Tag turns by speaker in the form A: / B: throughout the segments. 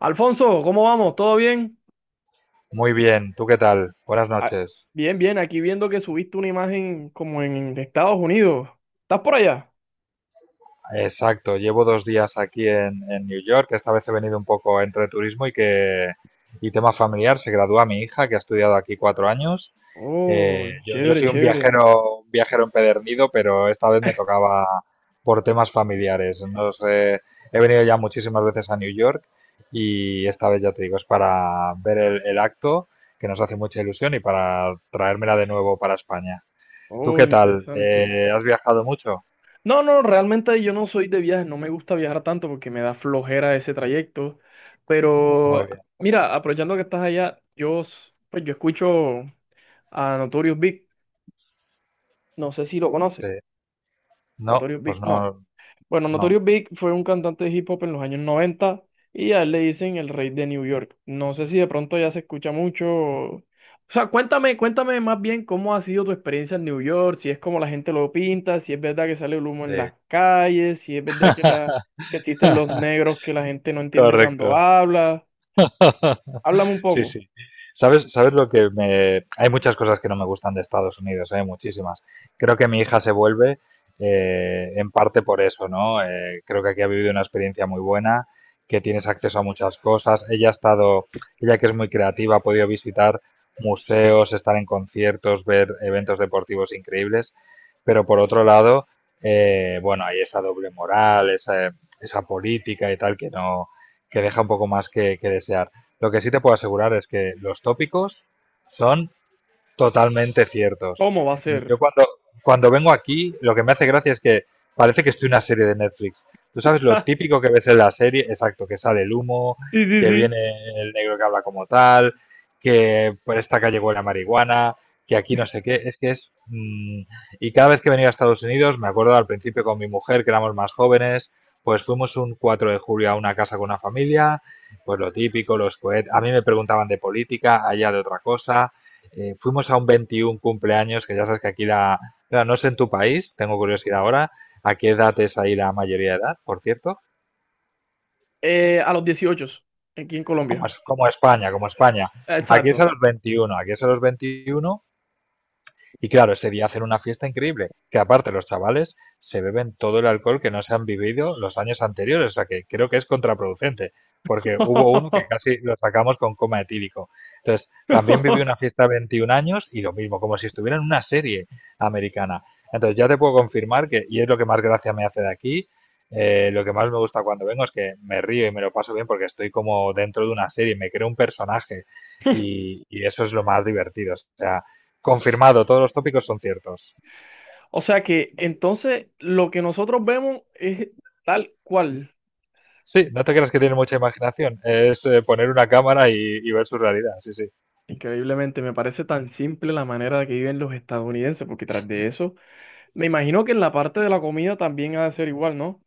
A: Alfonso, ¿cómo vamos? ¿Todo bien?
B: Muy bien, ¿tú qué tal? Buenas
A: Ah,
B: noches.
A: bien, bien, aquí viendo que subiste una imagen como en Estados Unidos. ¿Estás por allá?
B: Exacto, llevo 2 días aquí en New York. Esta vez he venido un poco entre turismo y tema familiar. Se gradúa mi hija, que ha estudiado aquí 4 años.
A: Oh,
B: Yo
A: chévere,
B: soy un
A: chévere.
B: viajero, un viajero empedernido, pero esta vez me tocaba por temas familiares. No sé, he venido ya muchísimas veces a New York y esta vez ya te digo, es para ver el acto, que nos hace mucha ilusión, y para traérmela de nuevo para España. ¿Tú
A: Oh,
B: qué tal?
A: interesante.
B: ¿Has viajado mucho?
A: No, no, realmente yo no soy de viajes, no me gusta viajar tanto porque me da flojera ese trayecto.
B: Muy
A: Pero
B: bien.
A: mira, aprovechando que estás allá, pues yo escucho a Notorious Big, no sé si lo conoces.
B: Sí. No,
A: Notorious Big,
B: pues
A: no.
B: no,
A: Bueno,
B: no.
A: Notorious Big fue un cantante de hip hop en los años 90 y a él le dicen el rey de New York. No sé si de pronto ya se escucha mucho. O sea, cuéntame, cuéntame más bien cómo ha sido tu experiencia en New York, si es como la gente lo pinta, si es verdad que sale el humo
B: Sí.
A: en las calles, si es verdad que existen los negros que la gente no entiende
B: Correcto.
A: cuando habla. Háblame un
B: Sí,
A: poco,
B: sí. ¿Sabes lo que me... Hay muchas cosas que no me gustan de Estados Unidos, hay muchísimas. Creo que mi hija se vuelve, en parte por eso, ¿no? Creo que aquí ha vivido una experiencia muy buena, que tienes acceso a muchas cosas. Ella que es muy creativa, ha podido visitar museos, estar en conciertos, ver eventos deportivos increíbles. Pero por otro lado, bueno, hay esa doble moral, esa política y tal que no, que deja un poco más que desear. Lo que sí te puedo asegurar es que los tópicos son totalmente ciertos.
A: ¿cómo va a
B: Yo
A: ser?
B: cuando, cuando vengo aquí, lo que me hace gracia es que parece que estoy en una serie de Netflix. Tú sabes lo típico que ves en la serie, exacto, que sale el humo,
A: Sí, sí,
B: que
A: sí.
B: viene el negro que habla como tal, que por esta calle huele a marihuana, que aquí no sé qué, es que es. Y cada vez que venía a Estados Unidos, me acuerdo al principio con mi mujer, que éramos más jóvenes, pues fuimos un 4 de julio a una casa con una familia, pues lo típico, los cohetes, a mí me preguntaban de política, allá de otra cosa, fuimos a un 21 cumpleaños, que ya sabes que aquí la... Claro, no sé en tu país, tengo curiosidad ahora, ¿a qué edad es ahí la mayoría de edad, por cierto?
A: A los 18, aquí en
B: Como,
A: Colombia.
B: es- como España, como España. Aquí es a
A: Exacto.
B: los 21, aquí es a los 21. Y claro, ese día hacer una fiesta increíble, que aparte los chavales se beben todo el alcohol que no se han vivido los años anteriores, o sea que creo que es contraproducente, porque hubo uno que casi lo sacamos con coma etílico. Entonces, también viví una fiesta de 21 años y lo mismo, como si estuviera en una serie americana. Entonces, ya te puedo confirmar que, y es lo que más gracia me hace de aquí, lo que más me gusta cuando vengo es que me río y me lo paso bien porque estoy como dentro de una serie, me creo un personaje y eso es lo más divertido. O sea, confirmado, todos los tópicos son ciertos.
A: O sea que entonces lo que nosotros vemos es tal cual.
B: Sí, no te creas que tiene mucha imaginación. Es, poner una cámara y ver su realidad, sí, sí.
A: Increíblemente, me parece tan simple la manera de que viven los estadounidenses, porque tras de eso, me imagino que en la parte de la comida también ha de ser igual, ¿no?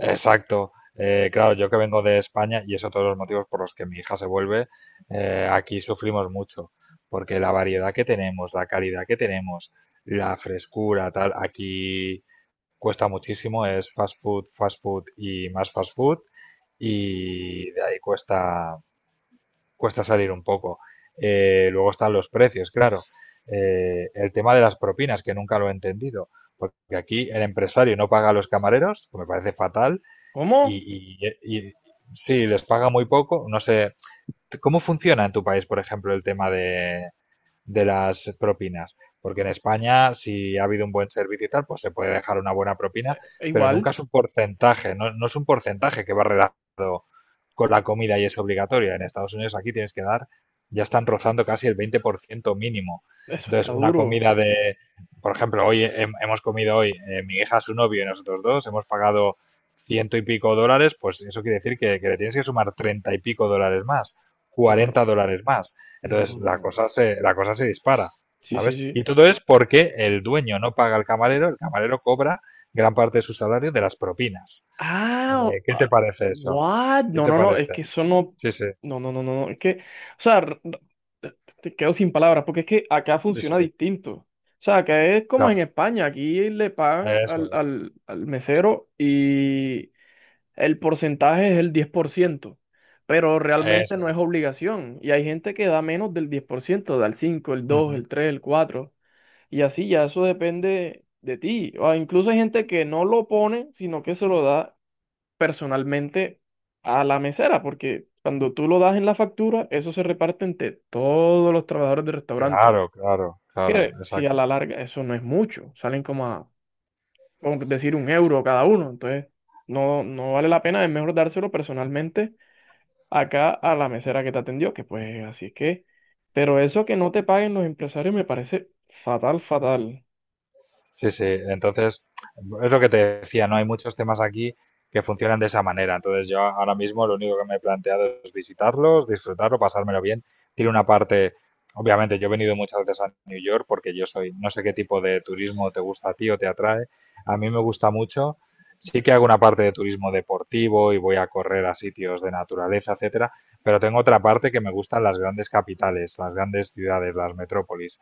B: Exacto. Claro, yo que vengo de España, y eso todos los motivos por los que mi hija se vuelve, aquí sufrimos mucho, porque la variedad que tenemos, la calidad que tenemos, la frescura, tal, aquí cuesta muchísimo, es fast food y más fast food, y de ahí cuesta, cuesta salir un poco. Luego están los precios, claro. El tema de las propinas, que nunca lo he entendido, porque aquí el empresario no paga a los camareros, que me parece fatal,
A: ¿Cómo?
B: y, y sí, les paga muy poco. No sé, ¿cómo funciona en tu país, por ejemplo, el tema de, las propinas? Porque en España, si ha habido un buen servicio y tal, pues se puede dejar una buena propina,
A: E
B: pero
A: igual,
B: nunca es un porcentaje, no, no es un porcentaje que va redactado con la comida y es obligatoria. En Estados Unidos aquí tienes que dar, ya están rozando casi el 20% mínimo.
A: eso está
B: Entonces, una
A: duro.
B: comida de, por ejemplo, hoy hemos comido hoy, mi hija, su novio y nosotros dos, hemos pagado ciento y pico dólares, pues eso quiere decir que le tienes que sumar treinta y pico dólares más,
A: Está... r-
B: 40 dólares más.
A: No, no,
B: Entonces, la
A: no.
B: cosa se, la cosa se dispara,
A: Sí, sí,
B: ¿sabes? Y
A: sí.
B: todo es porque el dueño no paga al camarero, el camarero cobra gran parte de su salario de las propinas.
A: Ah, o-
B: ¿Qué te
A: ah,
B: parece eso?
A: What?
B: ¿Qué
A: No,
B: te
A: no, no, es que
B: parece?
A: eso no,
B: Sí, sí,
A: no, no, no, no, no, es que, o sea, te te quedo sin palabras, porque es que acá
B: sí, sí,
A: funciona distinto. O sea, acá es como en
B: claro,
A: España, aquí le pagan
B: eso
A: al,
B: es,
A: al, al mesero y el porcentaje es el 10%, pero realmente
B: eso
A: no es
B: es.
A: obligación. Y hay gente que da menos del 10%, da el 5, el dos,
B: Ujú.
A: el 3, el 4 y así ya eso depende de ti. O incluso hay gente que no lo pone, sino que se lo da personalmente a la mesera, porque cuando tú lo das en la factura, eso se reparte entre todos los trabajadores del restaurante,
B: Claro, claro, claro,
A: que si a
B: exacto.
A: la larga eso no es mucho, salen como a, por decir, un euro cada uno, entonces no, no vale la pena, es mejor dárselo personalmente acá a la mesera que te atendió, que pues así es que, pero eso que no te paguen los empresarios me parece fatal, fatal.
B: Sí, sí. Entonces, es lo que te decía, ¿no? Hay muchos temas aquí que funcionan de esa manera. Entonces, yo ahora mismo lo único que me he planteado es visitarlos, disfrutarlo, pasármelo bien. Tiene una parte, obviamente, yo he venido muchas veces a New York porque no sé qué tipo de turismo te gusta a ti o te atrae. A mí me gusta mucho. Sí que hago una parte de turismo deportivo y voy a correr a sitios de naturaleza, etcétera, pero tengo otra parte que me gustan las grandes capitales, las grandes ciudades, las metrópolis.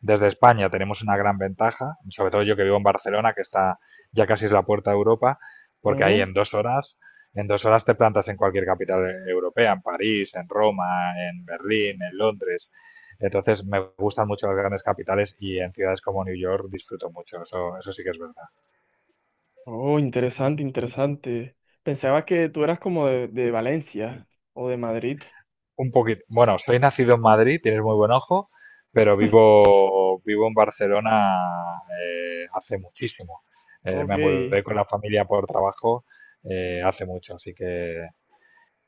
B: Desde España tenemos una gran ventaja, sobre todo yo que vivo en Barcelona, que está ya casi es la puerta de Europa, porque ahí
A: Ujú.
B: en 2 horas, en dos horas te plantas en cualquier capital europea, en París, en Roma, en Berlín, en Londres. Entonces me gustan mucho las grandes capitales y en ciudades como New York disfruto mucho, eso sí que es verdad.
A: Oh, interesante, interesante. Pensaba que tú eras como de Valencia o de Madrid.
B: Un poquito. Bueno, soy nacido en Madrid, tienes muy buen ojo, pero vivo en Barcelona, hace muchísimo. Eh,
A: Ok,
B: me
A: es
B: mudé con la familia por trabajo, hace mucho, así que,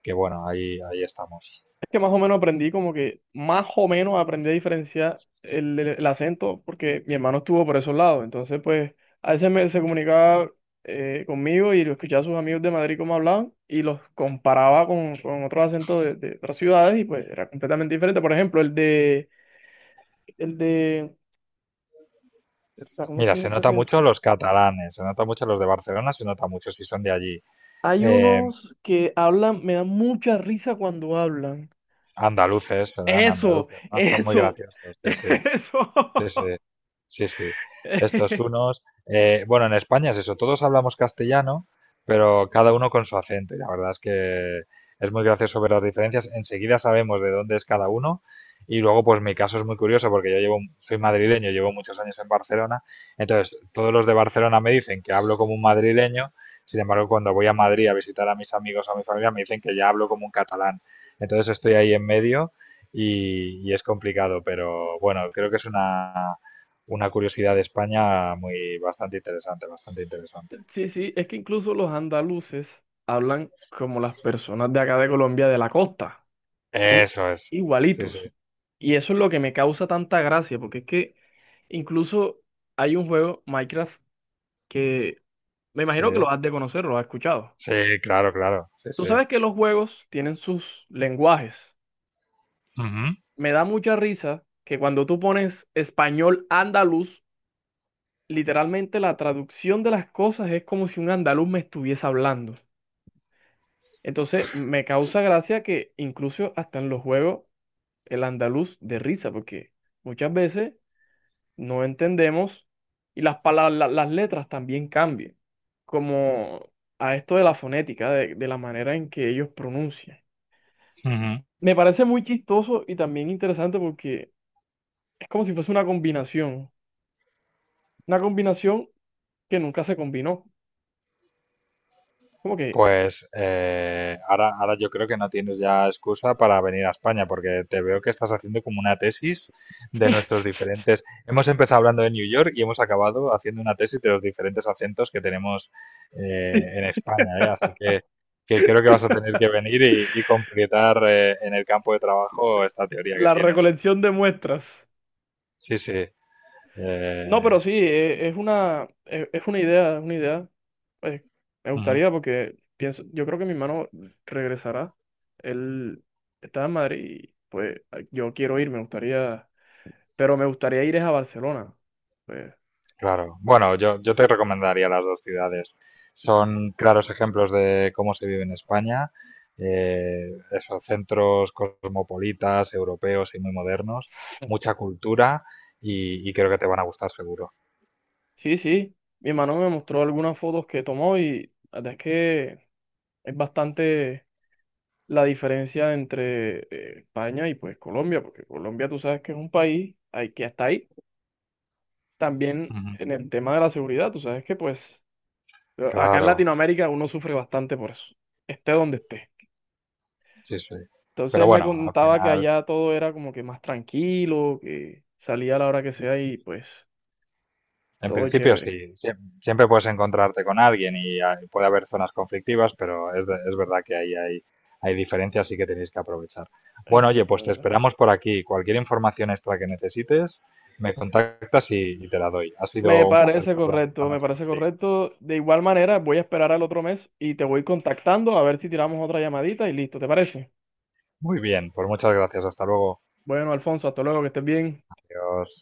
B: que bueno, ahí estamos.
A: que más o menos aprendí como que, más o menos aprendí a diferenciar el acento porque mi hermano estuvo por esos lados, entonces pues a veces me, se comunicaba conmigo y lo escuchaba a sus amigos de Madrid cómo hablaban y los comparaba con otros acentos de otras ciudades y pues era completamente diferente. Por ejemplo, el de, espera, ¿cómo es
B: Mira,
A: que es
B: se
A: ese
B: nota
A: acento?
B: mucho los catalanes, se nota mucho los de Barcelona, se nota mucho si son de allí.
A: Hay
B: Eh,
A: unos que hablan, me dan mucha risa cuando hablan.
B: andaluces, serán
A: Eso,
B: andaluces, ¿no? Son muy
A: eso,
B: graciosos, sí, sí.
A: eso.
B: Sí, sí, sí, sí. Estos unos, bueno, en España es eso, todos hablamos castellano, pero cada uno con su acento. Y la verdad es que es muy gracioso ver las diferencias. Enseguida sabemos de dónde es cada uno. Y luego, pues mi caso es muy curioso porque yo llevo, soy madrileño, llevo muchos años en Barcelona. Entonces, todos los de Barcelona me dicen que hablo como un madrileño. Sin embargo, cuando voy a Madrid a visitar a mis amigos o a mi familia, me dicen que ya hablo como un catalán. Entonces, estoy ahí en medio y es complicado, pero bueno, creo que es una curiosidad de España muy bastante interesante, bastante interesante.
A: Sí, sí, es que incluso los andaluces hablan como las personas de acá de Colombia de la costa. Son
B: Eso es. Sí,
A: igualitos.
B: sí,
A: Y eso es lo que me causa tanta gracia, porque es que incluso hay un juego, Minecraft, que me
B: sí,
A: imagino que lo has de conocer, lo has escuchado.
B: sí, claro, claro, sí,
A: Tú
B: sí.
A: sabes que los juegos tienen sus lenguajes.
B: Ujú,
A: Me da mucha risa que cuando tú pones español andaluz, literalmente la traducción de las cosas es como si un andaluz me estuviese hablando. Entonces, me causa gracia que incluso hasta en los juegos el andaluz de risa, porque muchas veces no entendemos y las palabras, las letras también cambian, como a esto de la fonética, de la manera en que ellos pronuncian.
B: ujú.
A: Me parece muy chistoso y también interesante porque es como si fuese una combinación que nunca se combinó, como que
B: Pues, ahora yo creo que no tienes ya excusa para venir a España, porque te veo que estás haciendo como una tesis de nuestros diferentes... Hemos empezado hablando de New York y hemos acabado haciendo una tesis de los diferentes acentos que tenemos, en España, ¿eh? Así que creo que vas a tener que venir y completar, en el campo de trabajo esta teoría que
A: la
B: tienes.
A: recolección de muestras.
B: Sí, sí.
A: No,
B: eh,
A: pero sí,
B: yo creo.
A: es una idea, es una idea. Pues, me gustaría porque pienso, yo creo que mi hermano regresará. Él está en Madrid y pues yo quiero ir, me gustaría, pero me gustaría ir es a Barcelona. Pues,
B: Claro. Bueno, yo te recomendaría las dos ciudades. Son claros ejemplos de cómo se vive en España. Esos centros cosmopolitas, europeos y muy modernos. Mucha cultura y creo que te van a gustar seguro.
A: sí, sí, mi hermano me mostró algunas fotos que tomó y la verdad es que es bastante la diferencia entre España y pues Colombia, porque Colombia tú sabes que es un país hay que hasta ahí. También
B: Ujú.
A: en el tema de la seguridad, tú sabes que pues Pero acá en
B: Claro,
A: Latinoamérica uno sufre bastante por eso, esté donde esté.
B: sí, sí. Pero
A: Entonces me
B: bueno, al
A: contaba que
B: final...
A: allá todo era como que más tranquilo, que salía a la hora que sea y pues
B: En
A: todo
B: principio sí,
A: chévere.
B: siempre puedes encontrarte con alguien y puede haber zonas conflictivas, pero es verdad que ahí hay diferencias y que tenéis que aprovechar. Bueno, oye, pues te
A: Exactamente.
B: esperamos por aquí. Cualquier información extra que necesites, me contactas y te la doy. Ha
A: Me
B: sido un placer
A: parece
B: hablar esta
A: correcto, me
B: noche
A: parece
B: contigo.
A: correcto. De igual manera, voy a esperar al otro mes y te voy contactando a ver si tiramos otra llamadita y listo, ¿te parece?
B: Muy bien, pues muchas gracias. Hasta luego.
A: Bueno, Alfonso, hasta luego, que estés bien.
B: Adiós.